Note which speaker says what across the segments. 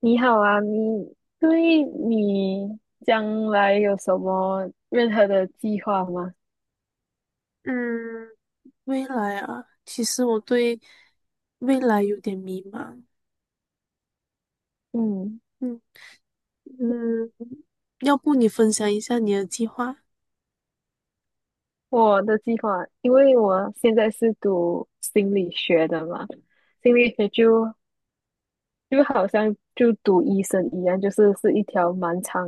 Speaker 1: 你好啊，对你将来有什么任何的计划吗？
Speaker 2: 嗯，未来啊，其实我对未来有点迷茫。
Speaker 1: 嗯，
Speaker 2: 嗯嗯，要不你分享一下你的计划？
Speaker 1: 我的计划，因为我现在是读心理学的嘛，心理学就好像就读医生一样，就是一条蛮长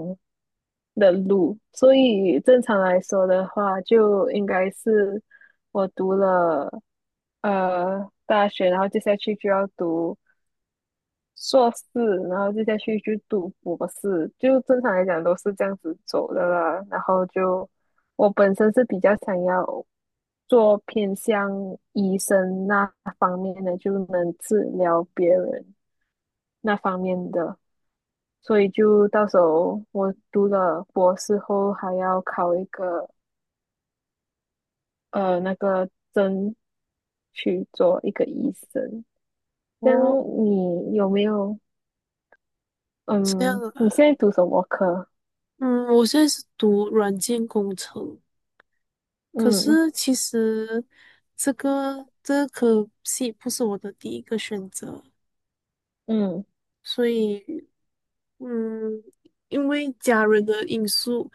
Speaker 1: 的路，所以正常来说的话，就应该是我读了大学，然后接下去就要读硕士，然后就再去读博士，就正常来讲都是这样子走的了。然后就我本身是比较想要做偏向医生那方面的，就能治疗别人那方面的，所以就到时候我读了博士后，还要考一个那个证去做一个医生。像
Speaker 2: 哦，
Speaker 1: 你有没有？
Speaker 2: 这样
Speaker 1: 嗯，你
Speaker 2: 啊。
Speaker 1: 现在读什么科？
Speaker 2: 嗯，我现在是读软件工程，可
Speaker 1: 嗯。
Speaker 2: 是其实这个科系不是我的第一个选择，
Speaker 1: 嗯
Speaker 2: 所以嗯，因为家人的因素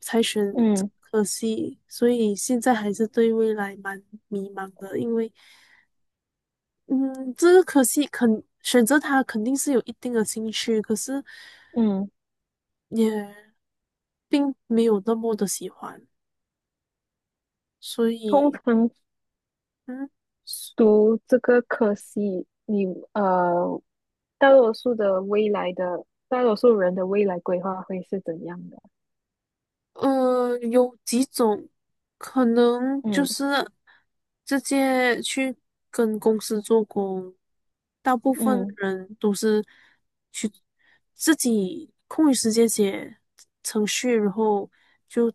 Speaker 2: 才选这
Speaker 1: 嗯
Speaker 2: 个科系，所以现在还是对未来蛮迷茫的。嗯，这个科系肯选择它肯定是有一定的兴趣，可是
Speaker 1: 嗯，
Speaker 2: 也并没有那么的喜欢。所
Speaker 1: 通
Speaker 2: 以
Speaker 1: 常
Speaker 2: 嗯，
Speaker 1: 读这个科系，你呃，大多数人的未来规划会是怎样的？
Speaker 2: 呃，有几种可能，就
Speaker 1: 嗯
Speaker 2: 是直接去跟公司做工，大部分
Speaker 1: 嗯
Speaker 2: 人都是去自己空余时间写程序，然后就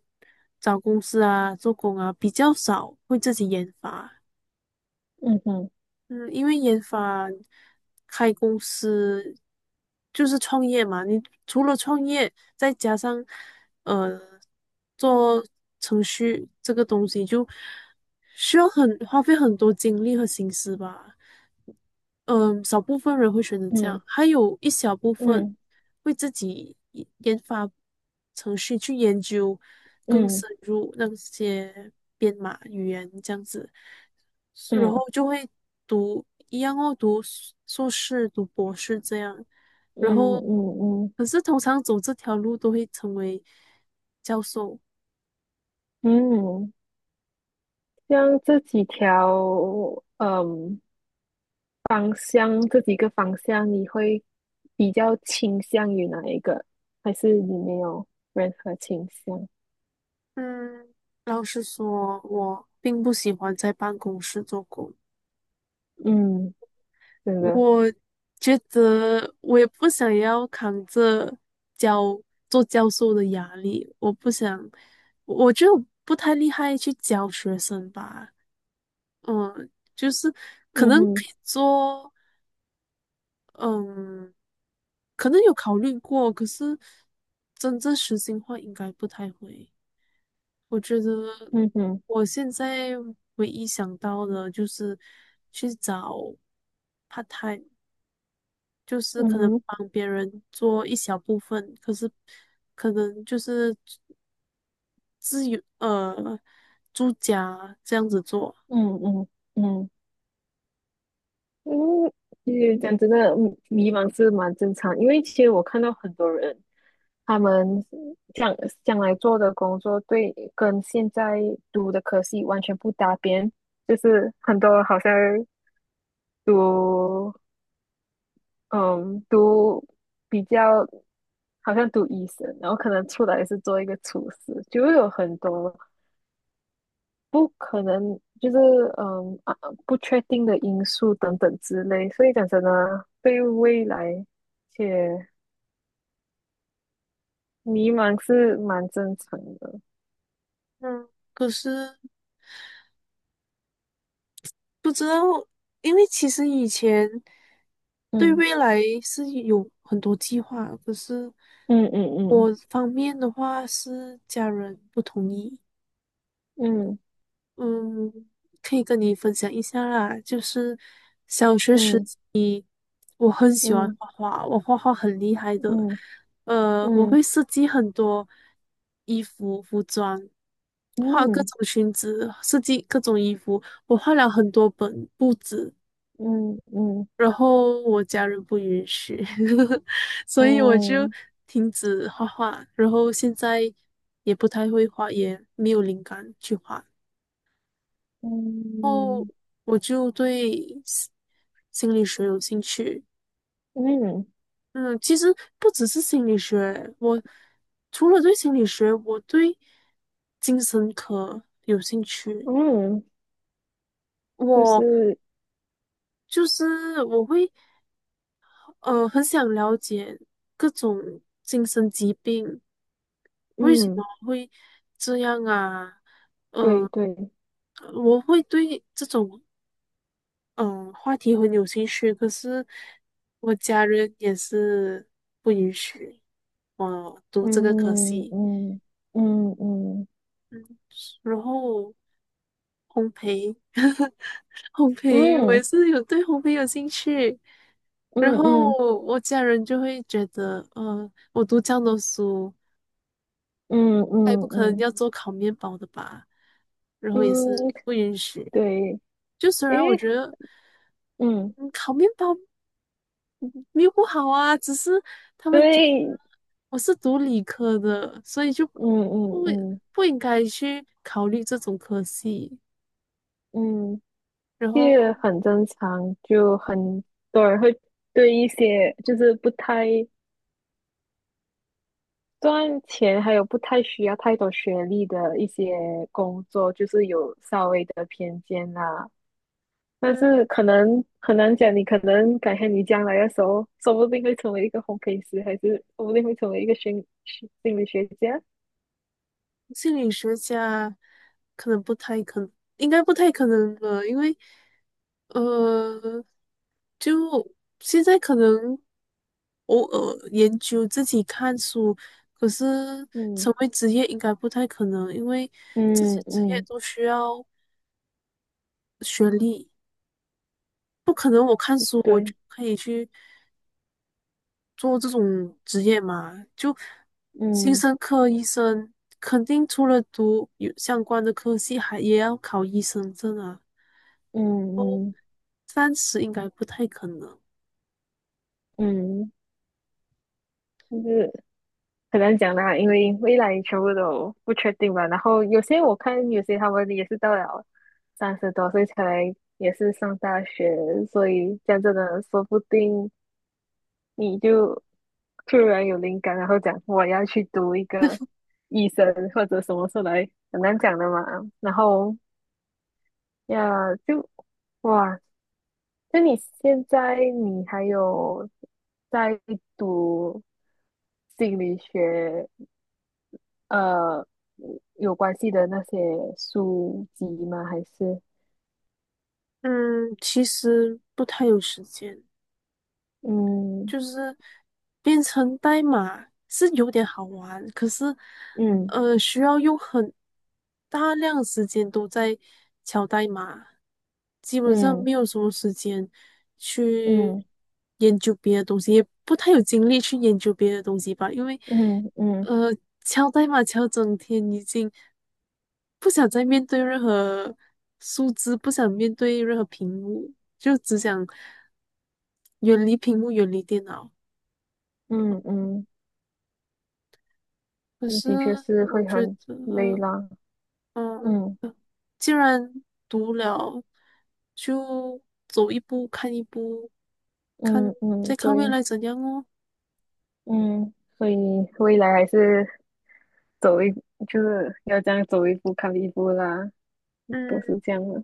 Speaker 2: 找公司啊做工啊，比较少会自己研发。
Speaker 1: 嗯哼
Speaker 2: 嗯，因为研发开公司就是创业嘛，你除了创业，再加上呃做程序这个东西，就需要很花费很多精力和心思吧。嗯，少部分人会选择这样，
Speaker 1: 嗯
Speaker 2: 还有一小部分
Speaker 1: 嗯
Speaker 2: 会自己研发程序，去研究更
Speaker 1: 嗯
Speaker 2: 深入那些编码语言这样子，是然后
Speaker 1: 嗯
Speaker 2: 就会读一样哦，读硕士、读博士这样，
Speaker 1: 嗯
Speaker 2: 然后
Speaker 1: 嗯嗯
Speaker 2: 可是通常走这条路都会成为教授。
Speaker 1: 嗯，像这几条嗯方向，这几个方向，你会比较倾向于哪一个？还是你没有任何倾向？
Speaker 2: 嗯，老实说，我并不喜欢在办公室做工。
Speaker 1: 嗯，真的，
Speaker 2: 我觉得我也不想要扛着教做教授的压力，我不想，我就不太厉害去教学生吧。嗯，就是可
Speaker 1: 嗯
Speaker 2: 能可
Speaker 1: 哼
Speaker 2: 以做，嗯，可能有考虑过，可是真正实行化应该不太会。我觉得
Speaker 1: 嗯哼。
Speaker 2: 我现在唯一想到的就是去找 part time。就是
Speaker 1: 嗯
Speaker 2: 可能
Speaker 1: 哼
Speaker 2: 帮别人做一小部分，可是可能就是自由住家这样子做。
Speaker 1: 嗯嗯嗯嗯，因为其实讲真的，迷茫是蛮正常，因为其实我看到很多人，他们将将来做的工作对跟现在读的科系完全不搭边，就是很多好像读嗯读比较好像读医生，然后可能出来是做一个厨师，就会有很多不可能，就是嗯啊，不确定的因素等等之类，所以讲真的，对未来且迷茫是蛮正常的。
Speaker 2: 嗯可是不知道，因为其实以前对
Speaker 1: 嗯
Speaker 2: 未来是有很多计划，可是
Speaker 1: 嗯嗯
Speaker 2: 我方面的话是家人不同意。
Speaker 1: 嗯
Speaker 2: 嗯，可以跟你分享一下啦，就是小学
Speaker 1: 嗯
Speaker 2: 时。
Speaker 1: 嗯
Speaker 2: 我很喜欢
Speaker 1: 嗯
Speaker 2: 画画，我画画很厉害的。呃，我
Speaker 1: 嗯嗯
Speaker 2: 会设计很多衣服、服装，画各
Speaker 1: 嗯
Speaker 2: 种裙子，设计各种衣服。我画了很多本布子，
Speaker 1: 嗯
Speaker 2: 然后我家人不允许，所以我就
Speaker 1: 嗯
Speaker 2: 停止画画。然后现在也不太会画，也没有灵感去画。然后我就对心理学有兴趣。
Speaker 1: 嗯嗯
Speaker 2: 嗯，其实不只是心理学，我除了对心理学，我对精神科有兴趣。
Speaker 1: 嗯，就
Speaker 2: 我
Speaker 1: 是
Speaker 2: 就是我会很想了解各种精神疾病为什么
Speaker 1: 嗯，
Speaker 2: 会这样啊？
Speaker 1: 对
Speaker 2: 嗯，
Speaker 1: 对，
Speaker 2: 我会对这种话题很有兴趣，可是我家人也是不允许我读这个科
Speaker 1: 嗯
Speaker 2: 系。
Speaker 1: 嗯嗯嗯
Speaker 2: 嗯，然后烘焙，烘焙，我
Speaker 1: 嗯
Speaker 2: 也是有对烘焙有兴趣。
Speaker 1: 嗯
Speaker 2: 然后
Speaker 1: 嗯
Speaker 2: 我家人就会觉得，呃，我读这样的书，
Speaker 1: 嗯
Speaker 2: 他也不可能
Speaker 1: 嗯
Speaker 2: 要做烤面包的吧？然后也
Speaker 1: 嗯。
Speaker 2: 是不允许。
Speaker 1: 对，
Speaker 2: 就虽
Speaker 1: 因
Speaker 2: 然我
Speaker 1: 为
Speaker 2: 觉得，
Speaker 1: 嗯，
Speaker 2: 嗯烤面包嗯没有不好啊，只是他们觉
Speaker 1: 对，
Speaker 2: 得我是读理科的，所以就
Speaker 1: 嗯嗯
Speaker 2: 不
Speaker 1: 嗯
Speaker 2: 不应该去考虑这种科系。
Speaker 1: 嗯，
Speaker 2: 然
Speaker 1: 这个
Speaker 2: 后，
Speaker 1: 很正常，就很多人会对一些就是不太赚钱，还有不太需要太多学历的一些工作，就是有稍微的偏见啦。但
Speaker 2: 嗯，
Speaker 1: 是可能很难讲，你可能改天你将来的时候，说不定会成为一个烘焙师，还是说不定会成为一个心理学家。
Speaker 2: 心理学家可能不太可能，应该不太可能吧，因为呃，就现在可能偶尔研究自己看书，可是
Speaker 1: 嗯
Speaker 2: 成为职业应该不太可能，因为这些
Speaker 1: 嗯
Speaker 2: 职业
Speaker 1: 嗯，
Speaker 2: 都需要学历，不可能我看书我就
Speaker 1: 对，
Speaker 2: 可以去做这种职业嘛，就精
Speaker 1: 嗯
Speaker 2: 生、科医生肯定除了读有相关的科系，还也要考医生证啊。
Speaker 1: 嗯嗯
Speaker 2: 三十应该不太可能。
Speaker 1: 嗯，就是很难讲啦，因为未来全部都不确定吧。然后有些我看，有些他们也是到了30多岁才也是上大学，所以讲真的，说不定你就突然有灵感，然后讲我要去读一个医生或者什么出来，很难讲的嘛。然后呀，就哇，那你现在你还有在读心理学，呃有关系的那些书籍吗？还是
Speaker 2: 嗯，其实不太有时间，
Speaker 1: 嗯
Speaker 2: 就是编程代码是有点好玩，可是
Speaker 1: 嗯
Speaker 2: 需要用很大量时间都在敲代码，基本上
Speaker 1: 嗯
Speaker 2: 没有什么时间去
Speaker 1: 嗯
Speaker 2: 研究别的东西，也不太有精力去研究别的东西吧，因为
Speaker 1: 嗯嗯
Speaker 2: 呃，敲代码敲整天已经。不想再面对任何数字，不想面对任何屏幕，就只想远离屏幕，远离电脑。
Speaker 1: 嗯嗯，
Speaker 2: 可
Speaker 1: 嗯
Speaker 2: 是
Speaker 1: 的确是
Speaker 2: 我
Speaker 1: 会
Speaker 2: 觉
Speaker 1: 很累
Speaker 2: 得，
Speaker 1: 啦。
Speaker 2: 嗯，
Speaker 1: 嗯
Speaker 2: 既然读了，就走一步看一步，看
Speaker 1: 嗯
Speaker 2: 再
Speaker 1: 嗯，
Speaker 2: 看未
Speaker 1: 对，
Speaker 2: 来怎样哦。
Speaker 1: 嗯，所以未来还是走一，就是要这样走一步看一步啦，
Speaker 2: 嗯，
Speaker 1: 都是这样的。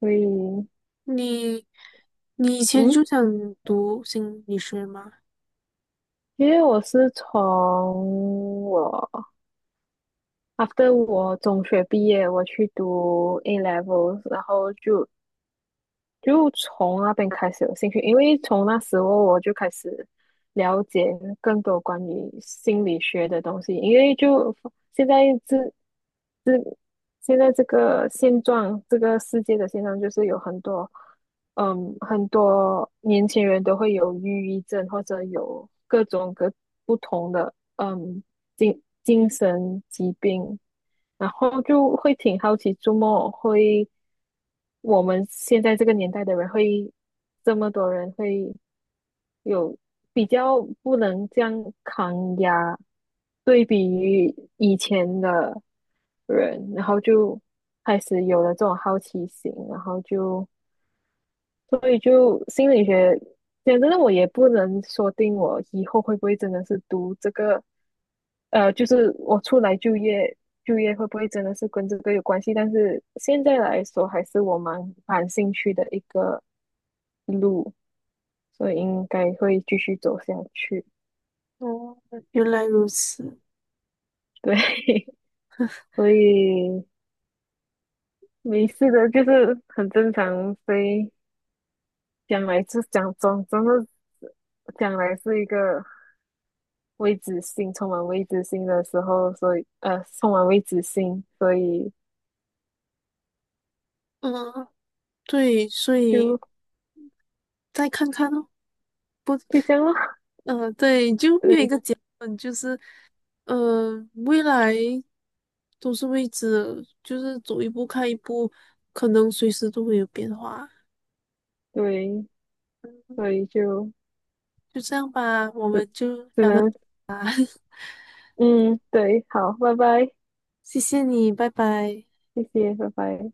Speaker 1: 所以，
Speaker 2: 你你以前
Speaker 1: 嗯，
Speaker 2: 就想读心理学吗？
Speaker 1: 因为我是after 我中学毕业，我去读 A levels，然后就从那边开始有兴趣，因为从那时候我就开始了解更多关于心理学的东西，因为就现在自这这个现状，这个世界的现状就是有很多年轻人都会有抑郁症，或者有各种各不同的，精神疾病，然后就会挺好奇，周末会我们现在这个年代的人会这么多人会。有比较不能这样抗压，对比于以前的人，然后就开始有了这种好奇心，然后就所以就心理学，讲真的，我也不能说定我以后会不会真的是读这个，就是我出来就业，就业会不会真的是跟这个有关系？但是现在来说，还是我蛮感兴趣的一个路，所以应该会继续走下去。
Speaker 2: 哦，原来如此。
Speaker 1: 对，所以没事的，就是很正常。所以将来是真的将来是一个未知性，充满未知性的时候，所以充满未知性，所以
Speaker 2: 嗯，对，所以
Speaker 1: 就
Speaker 2: 再看看哦。不
Speaker 1: 就这样咯。
Speaker 2: 嗯，对，就没有一
Speaker 1: 对
Speaker 2: 个结论，就是未来都是未知的，就是走一步看一步，可能随时都会有变化，
Speaker 1: 对，所以就
Speaker 2: 就这样吧，我
Speaker 1: 只
Speaker 2: 们就
Speaker 1: 只
Speaker 2: 聊到，
Speaker 1: 能嗯，对，好，拜拜，
Speaker 2: 谢谢你，拜拜。
Speaker 1: 谢谢，拜拜。